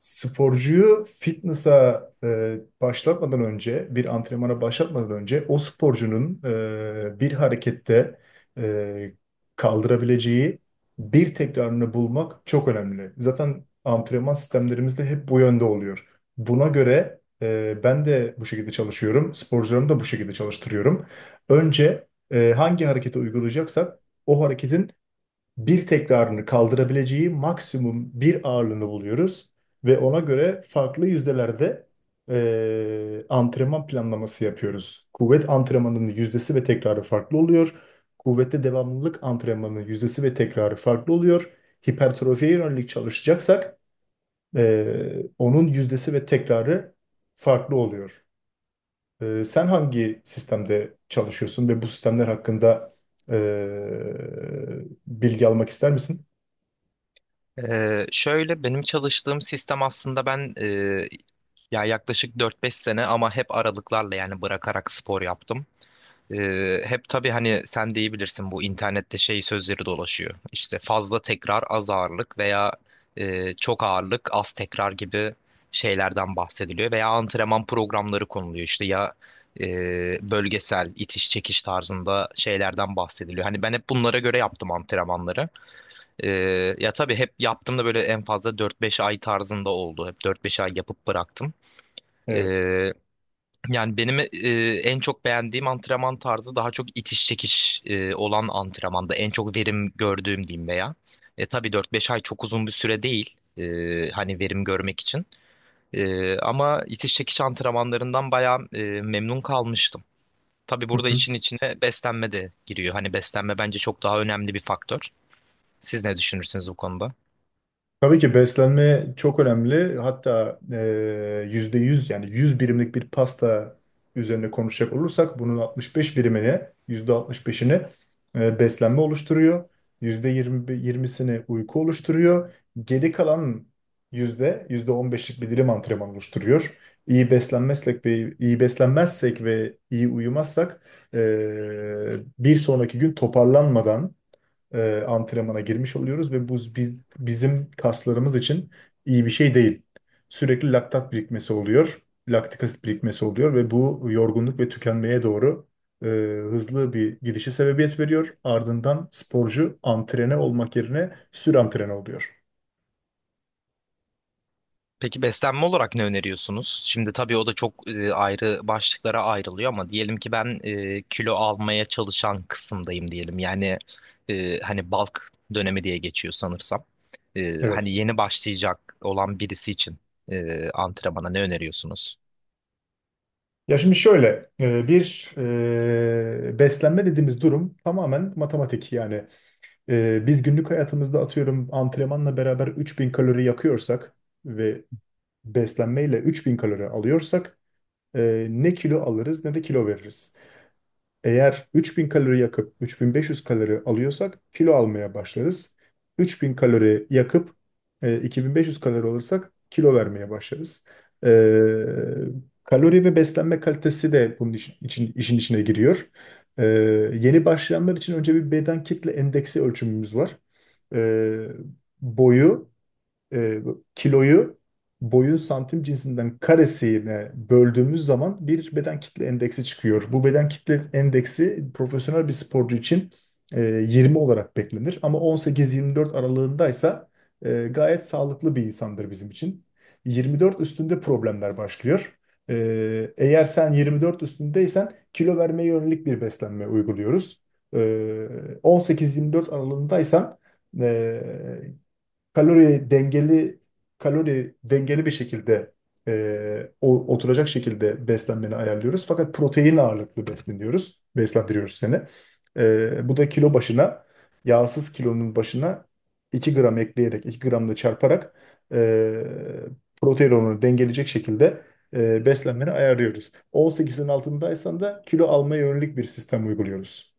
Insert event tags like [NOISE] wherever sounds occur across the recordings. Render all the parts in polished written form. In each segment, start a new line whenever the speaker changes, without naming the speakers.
Sporcuyu fitness'a başlatmadan önce, bir antrenmana başlatmadan önce o sporcunun bir harekette e, kaldırabileceği bir tekrarını bulmak çok önemli. Zaten antrenman sistemlerimiz de hep bu yönde oluyor. Buna göre ben de bu şekilde çalışıyorum, sporcularımı da bu şekilde çalıştırıyorum. Önce hangi hareketi uygulayacaksak o hareketin bir tekrarını kaldırabileceği maksimum bir ağırlığını buluyoruz ve ona göre farklı yüzdelerde antrenman planlaması yapıyoruz. Kuvvet antrenmanının yüzdesi ve tekrarı farklı oluyor. Kuvvette devamlılık antrenmanının yüzdesi ve tekrarı farklı oluyor. Hipertrofiye yönelik çalışacaksak onun yüzdesi ve tekrarı farklı oluyor. Sen hangi sistemde çalışıyorsun ve bu sistemler hakkında bilgi almak ister misin?
Şöyle benim çalıştığım sistem aslında ben ya yaklaşık 4-5 sene ama hep aralıklarla yani bırakarak spor yaptım. Hep tabii hani sen de iyi bilirsin bu internette şey sözleri dolaşıyor. İşte fazla tekrar az ağırlık veya çok ağırlık az tekrar gibi şeylerden bahsediliyor. Veya antrenman programları konuluyor işte ya e, bölgesel itiş çekiş tarzında şeylerden bahsediliyor. Hani ben hep bunlara göre yaptım antrenmanları. Ya tabii hep yaptığımda böyle en fazla 4-5 ay tarzında oldu. Hep 4-5 ay yapıp bıraktım.
Evet.
Ee, Yani benim en çok beğendiğim antrenman tarzı daha çok itiş çekiş olan antrenmanda. En çok verim gördüğüm diyeyim veya. Tabii 4-5 ay çok uzun bir süre değil, hani verim görmek için. Ama itiş çekiş antrenmanlarından bayağı memnun kalmıştım. Tabii
Hı
burada
hı.
işin içine beslenme de giriyor. Hani beslenme bence çok daha önemli bir faktör. Siz ne düşünürsünüz bu konuda?
Tabii ki beslenme çok önemli. Hatta %100 yani 100 birimlik bir pasta üzerine konuşacak olursak bunun 65 birimini, yüzde 65'ini beslenme oluşturuyor. Yüzde 20'sini uyku oluşturuyor. Geri kalan yüzde 15'lik bir dilim antrenman oluşturuyor. İyi beslenmezsek ve iyi uyumazsak bir sonraki gün toparlanmadan antrenmana girmiş oluyoruz ve bu bizim kaslarımız için iyi bir şey değil. Sürekli laktat birikmesi oluyor, laktik asit birikmesi oluyor ve bu yorgunluk ve tükenmeye doğru e, hızlı bir gidişe sebebiyet veriyor. Ardından sporcu antrene olmak yerine sürantrene oluyor.
Peki beslenme olarak ne öneriyorsunuz? Şimdi tabii o da çok ayrı başlıklara ayrılıyor ama diyelim ki ben kilo almaya çalışan kısımdayım diyelim. Yani hani bulk dönemi diye geçiyor sanırsam.
Evet.
Hani yeni başlayacak olan birisi için antrenmana ne öneriyorsunuz?
Ya şimdi şöyle bir beslenme dediğimiz durum tamamen matematik, yani biz günlük hayatımızda atıyorum antrenmanla beraber 3000 kalori yakıyorsak ve beslenmeyle 3000 kalori alıyorsak ne kilo alırız ne de kilo veririz. Eğer 3000 kalori yakıp 3500 kalori alıyorsak kilo almaya başlarız. 3000 kalori yakıp 2500 kalori alırsak kilo vermeye başlarız. E, kalori ve beslenme kalitesi de bunun işin içine giriyor. E, yeni başlayanlar için önce bir beden kitle endeksi ölçümümüz var. E, boyu e, kiloyu, boyun santim cinsinden karesine böldüğümüz zaman bir beden kitle endeksi çıkıyor. Bu beden kitle endeksi profesyonel bir sporcu için 20 olarak beklenir. Ama 18-24 aralığındaysa gayet sağlıklı bir insandır bizim için. 24 üstünde problemler başlıyor. Eğer sen 24 üstündeysen kilo vermeye yönelik bir beslenme uyguluyoruz. E, 18-24 aralığındaysan e, kalori dengeli kalori dengeli bir şekilde oturacak şekilde beslenmeni ayarlıyoruz. Fakat protein ağırlıklı besleniyoruz, beslendiriyoruz seni. Bu da kilo başına, yağsız kilonun başına 2 gram ekleyerek, 2 gramla çarparak e, protein oranını dengeleyecek şekilde beslenmeni ayarlıyoruz. 18'in altındaysan da kilo almaya yönelik bir sistem uyguluyoruz.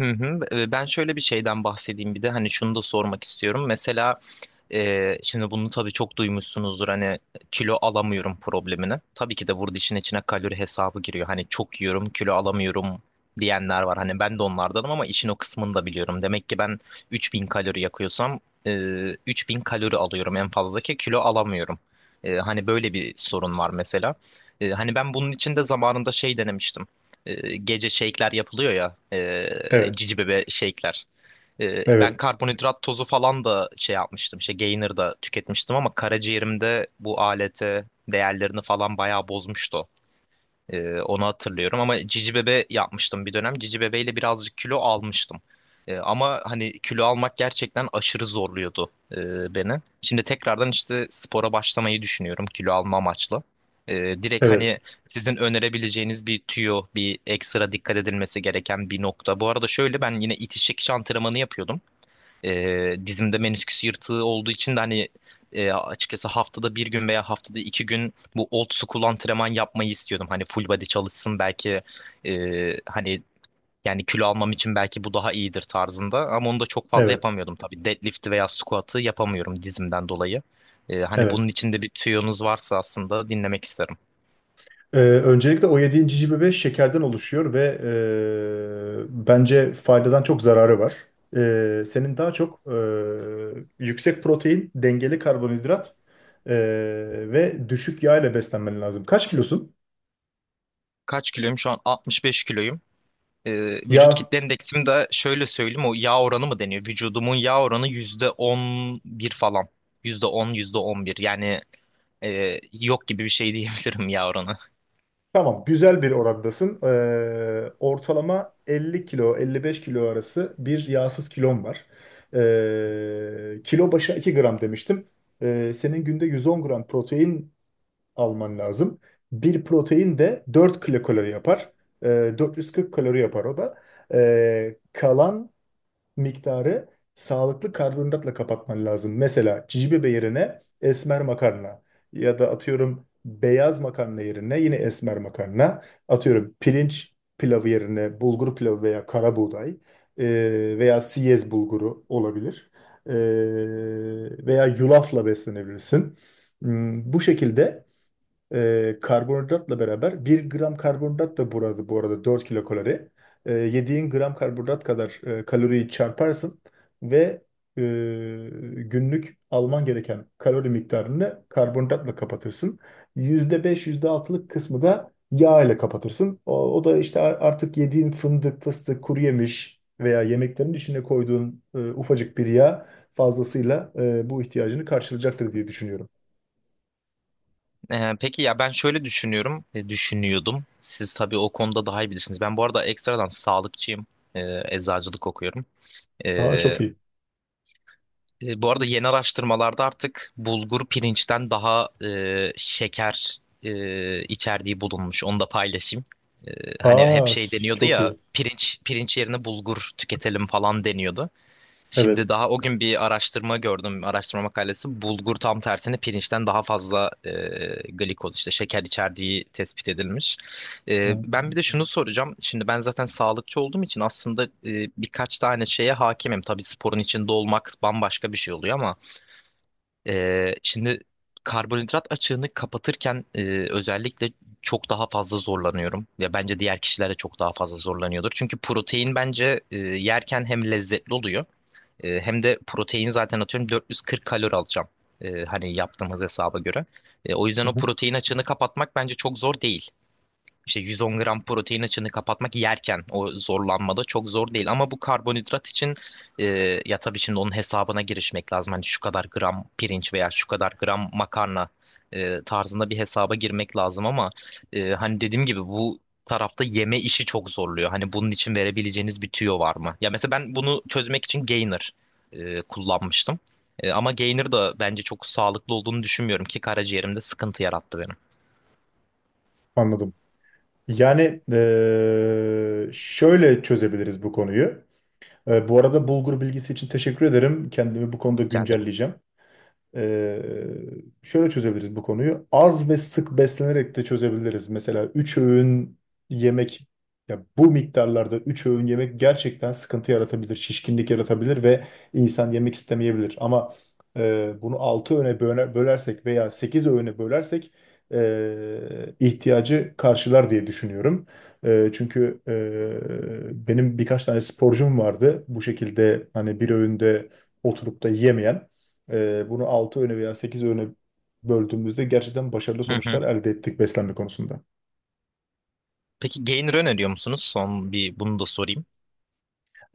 Hı hı. Ben şöyle bir şeyden bahsedeyim, bir de hani şunu da sormak istiyorum. Mesela şimdi bunu tabii çok duymuşsunuzdur hani kilo alamıyorum problemini. Tabii ki de burada işin içine kalori hesabı giriyor. Hani çok yiyorum kilo alamıyorum diyenler var. Hani ben de onlardanım ama işin o kısmını da biliyorum. Demek ki ben 3000 kalori yakıyorsam e, 3000 kalori alıyorum en fazla ki kilo alamıyorum. Hani böyle bir sorun var mesela. Hani ben bunun için de zamanında şey denemiştim, gece shake'ler yapılıyor ya,
Evet,
cici bebe shake'ler.
evet,
Ben karbonhidrat tozu falan da şey yapmıştım, işte Gainer da tüketmiştim ama karaciğerimde bu alete değerlerini falan bayağı bozmuştu. Onu hatırlıyorum ama Cici Bebe yapmıştım bir dönem. Cici bebeyle birazcık kilo almıştım. Ama hani kilo almak gerçekten aşırı zorluyordu beni. Şimdi tekrardan işte spora başlamayı düşünüyorum kilo alma amaçlı. Direkt
evet,
hani sizin önerebileceğiniz bir tüyo, bir ekstra dikkat edilmesi gereken bir nokta. Bu arada şöyle, ben yine itiş çekiş antrenmanı yapıyordum. Dizimde menisküs yırtığı olduğu için de hani açıkçası haftada bir gün veya haftada 2 gün bu old school antrenman yapmayı istiyordum. Hani full body çalışsın belki, e, hani yani kilo almam için belki bu daha iyidir tarzında. Ama onu da çok fazla
evet,
yapamıyordum tabii. Deadlift'i veya squat'ı yapamıyorum dizimden dolayı. Hani
evet.
bunun içinde bir tüyonuz varsa aslında dinlemek isterim.
Öncelikle o yediğin cici bebe şekerden oluşuyor ve bence faydadan çok zararı var. Senin daha çok yüksek protein, dengeli karbonhidrat eee, ve düşük yağ ile beslenmen lazım. Kaç kilosun?
Kaç kiloyum? Şu an 65 kiloyum. e,
Yağ
Vücut kitle endeksim de şöyle söyleyeyim, o yağ oranı mı deniyor? Vücudumun yağ oranı %11 falan. Yüzde on bir yani yok gibi bir şey [LAUGHS] diyebilirim yağ oranı.
tamam, güzel bir orandasın. Ortalama 50 kilo 55 kilo arası bir yağsız kilon var. Kilo başına 2 gram demiştim. Senin günde 110 gram protein alman lazım. Bir protein de 4 kilokalori yapar. 440 kalori yapar o da. Kalan miktarı sağlıklı karbonhidratla kapatman lazım. Mesela cici bebe yerine esmer makarna ya da atıyorum beyaz makarna yerine yine esmer makarna. Atıyorum, pirinç pilavı yerine bulgur pilavı veya kara buğday veya siyez bulguru olabilir. Ee, veya yulafla beslenebilirsin. Bu şekilde karbonhidratla beraber, 1 gram karbonhidrat da burada bu arada 4 kilo kalori. Yediğin gram karbonhidrat kadar kaloriyi çarparsın ve e, günlük alman gereken kalori miktarını karbonhidratla kapatırsın. Yüzde altılık kısmı da yağ ile kapatırsın. O da işte artık yediğin fındık, fıstık, kuru yemiş veya yemeklerin içine koyduğun ufacık bir yağ fazlasıyla bu ihtiyacını karşılayacaktır diye düşünüyorum.
Peki ya ben şöyle düşünüyorum, düşünüyordum. Siz tabii o konuda daha iyi bilirsiniz. Ben bu arada ekstradan sağlıkçıyım. Eczacılık okuyorum.
Aa,
E,
çok iyi.
Bu arada yeni araştırmalarda artık bulgur pirinçten daha şeker içerdiği bulunmuş. Onu da paylaşayım. E, Hani hep
Aa,
şey deniyordu
çok
ya,
iyi.
pirinç yerine bulgur tüketelim falan deniyordu.
Evet.
Şimdi daha o gün bir araştırma gördüm, araştırma makalesi. Bulgur tam tersine pirinçten daha fazla glikoz işte şeker içerdiği tespit edilmiş.
Yani,
Ben bir de şunu soracağım. Şimdi ben zaten sağlıkçı olduğum için aslında birkaç tane şeye hakimim. Tabii sporun içinde olmak bambaşka bir şey oluyor ama şimdi karbonhidrat açığını kapatırken özellikle çok daha fazla zorlanıyorum. Ya bence diğer kişiler de çok daha fazla zorlanıyordur. Çünkü protein bence yerken hem lezzetli oluyor. Hem de protein zaten atıyorum 440 kalori alacağım, hani yaptığımız hesaba göre. O yüzden
hı
o
hı.
protein açığını kapatmak bence çok zor değil, işte 110 gram protein açığını kapatmak yerken o zorlanmada çok zor değil. Ama bu karbonhidrat için e, ya tabii şimdi onun hesabına girişmek lazım. Hani şu kadar gram pirinç veya şu kadar gram makarna tarzında bir hesaba girmek lazım ama hani dediğim gibi bu tarafta yeme işi çok zorluyor. Hani bunun için verebileceğiniz bir tüyo var mı? Ya mesela ben bunu çözmek için gainer kullanmıştım. Ama gainer da bence çok sağlıklı olduğunu düşünmüyorum ki karaciğerimde sıkıntı yarattı benim.
Anladım. Yani şöyle çözebiliriz bu konuyu. Bu arada bulgur bilgisi için teşekkür ederim. Kendimi bu konuda
Rica ederim.
güncelleyeceğim. Ee, şöyle çözebiliriz bu konuyu. Az ve sık beslenerek de çözebiliriz. Mesela 3 öğün yemek, ya bu miktarlarda 3 öğün yemek gerçekten sıkıntı yaratabilir, şişkinlik yaratabilir ve insan yemek istemeyebilir. Ama bunu 6 öğüne bölersek veya 8 öğüne bölersek ihtiyacı karşılar diye düşünüyorum. Çünkü benim birkaç tane sporcum vardı bu şekilde, hani bir öğünde oturup da yemeyen. Bunu 6 öğüne veya 8 öğüne böldüğümüzde gerçekten başarılı
Hı
sonuçlar
hı.
elde ettik beslenme konusunda.
Peki Gainer öneriyor musunuz? Son bir bunu da sorayım.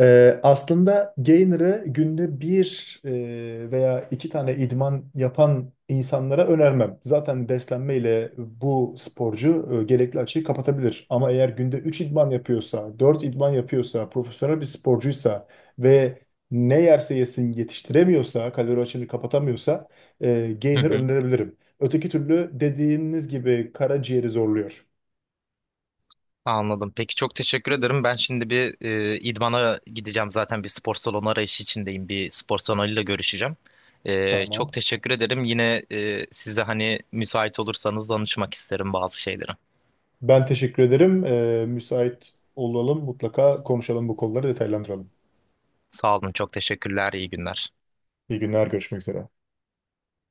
Aslında Gainer'ı günde bir veya iki tane idman yapan insanlara önermem. Zaten beslenmeyle bu sporcu gerekli açığı kapatabilir. Ama eğer günde 3 idman yapıyorsa, 4 idman yapıyorsa, profesyonel bir sporcuysa ve ne yerse yesin yetiştiremiyorsa, kalori açığını kapatamıyorsa
Hı
Gainer
hı.
önerebilirim. Öteki türlü dediğiniz gibi karaciğeri zorluyor.
Anladım. Peki çok teşekkür ederim. Ben şimdi bir idmana gideceğim. Zaten bir spor salonu arayışı içindeyim. Bir spor salonuyla görüşeceğim. Çok
Tamam.
teşekkür ederim. Yine siz de hani müsait olursanız danışmak isterim bazı şeylere.
Ben teşekkür ederim. Müsait olalım. Mutlaka konuşalım, bu konuları detaylandıralım.
Sağ olun. Çok teşekkürler. İyi günler.
İyi günler, görüşmek üzere.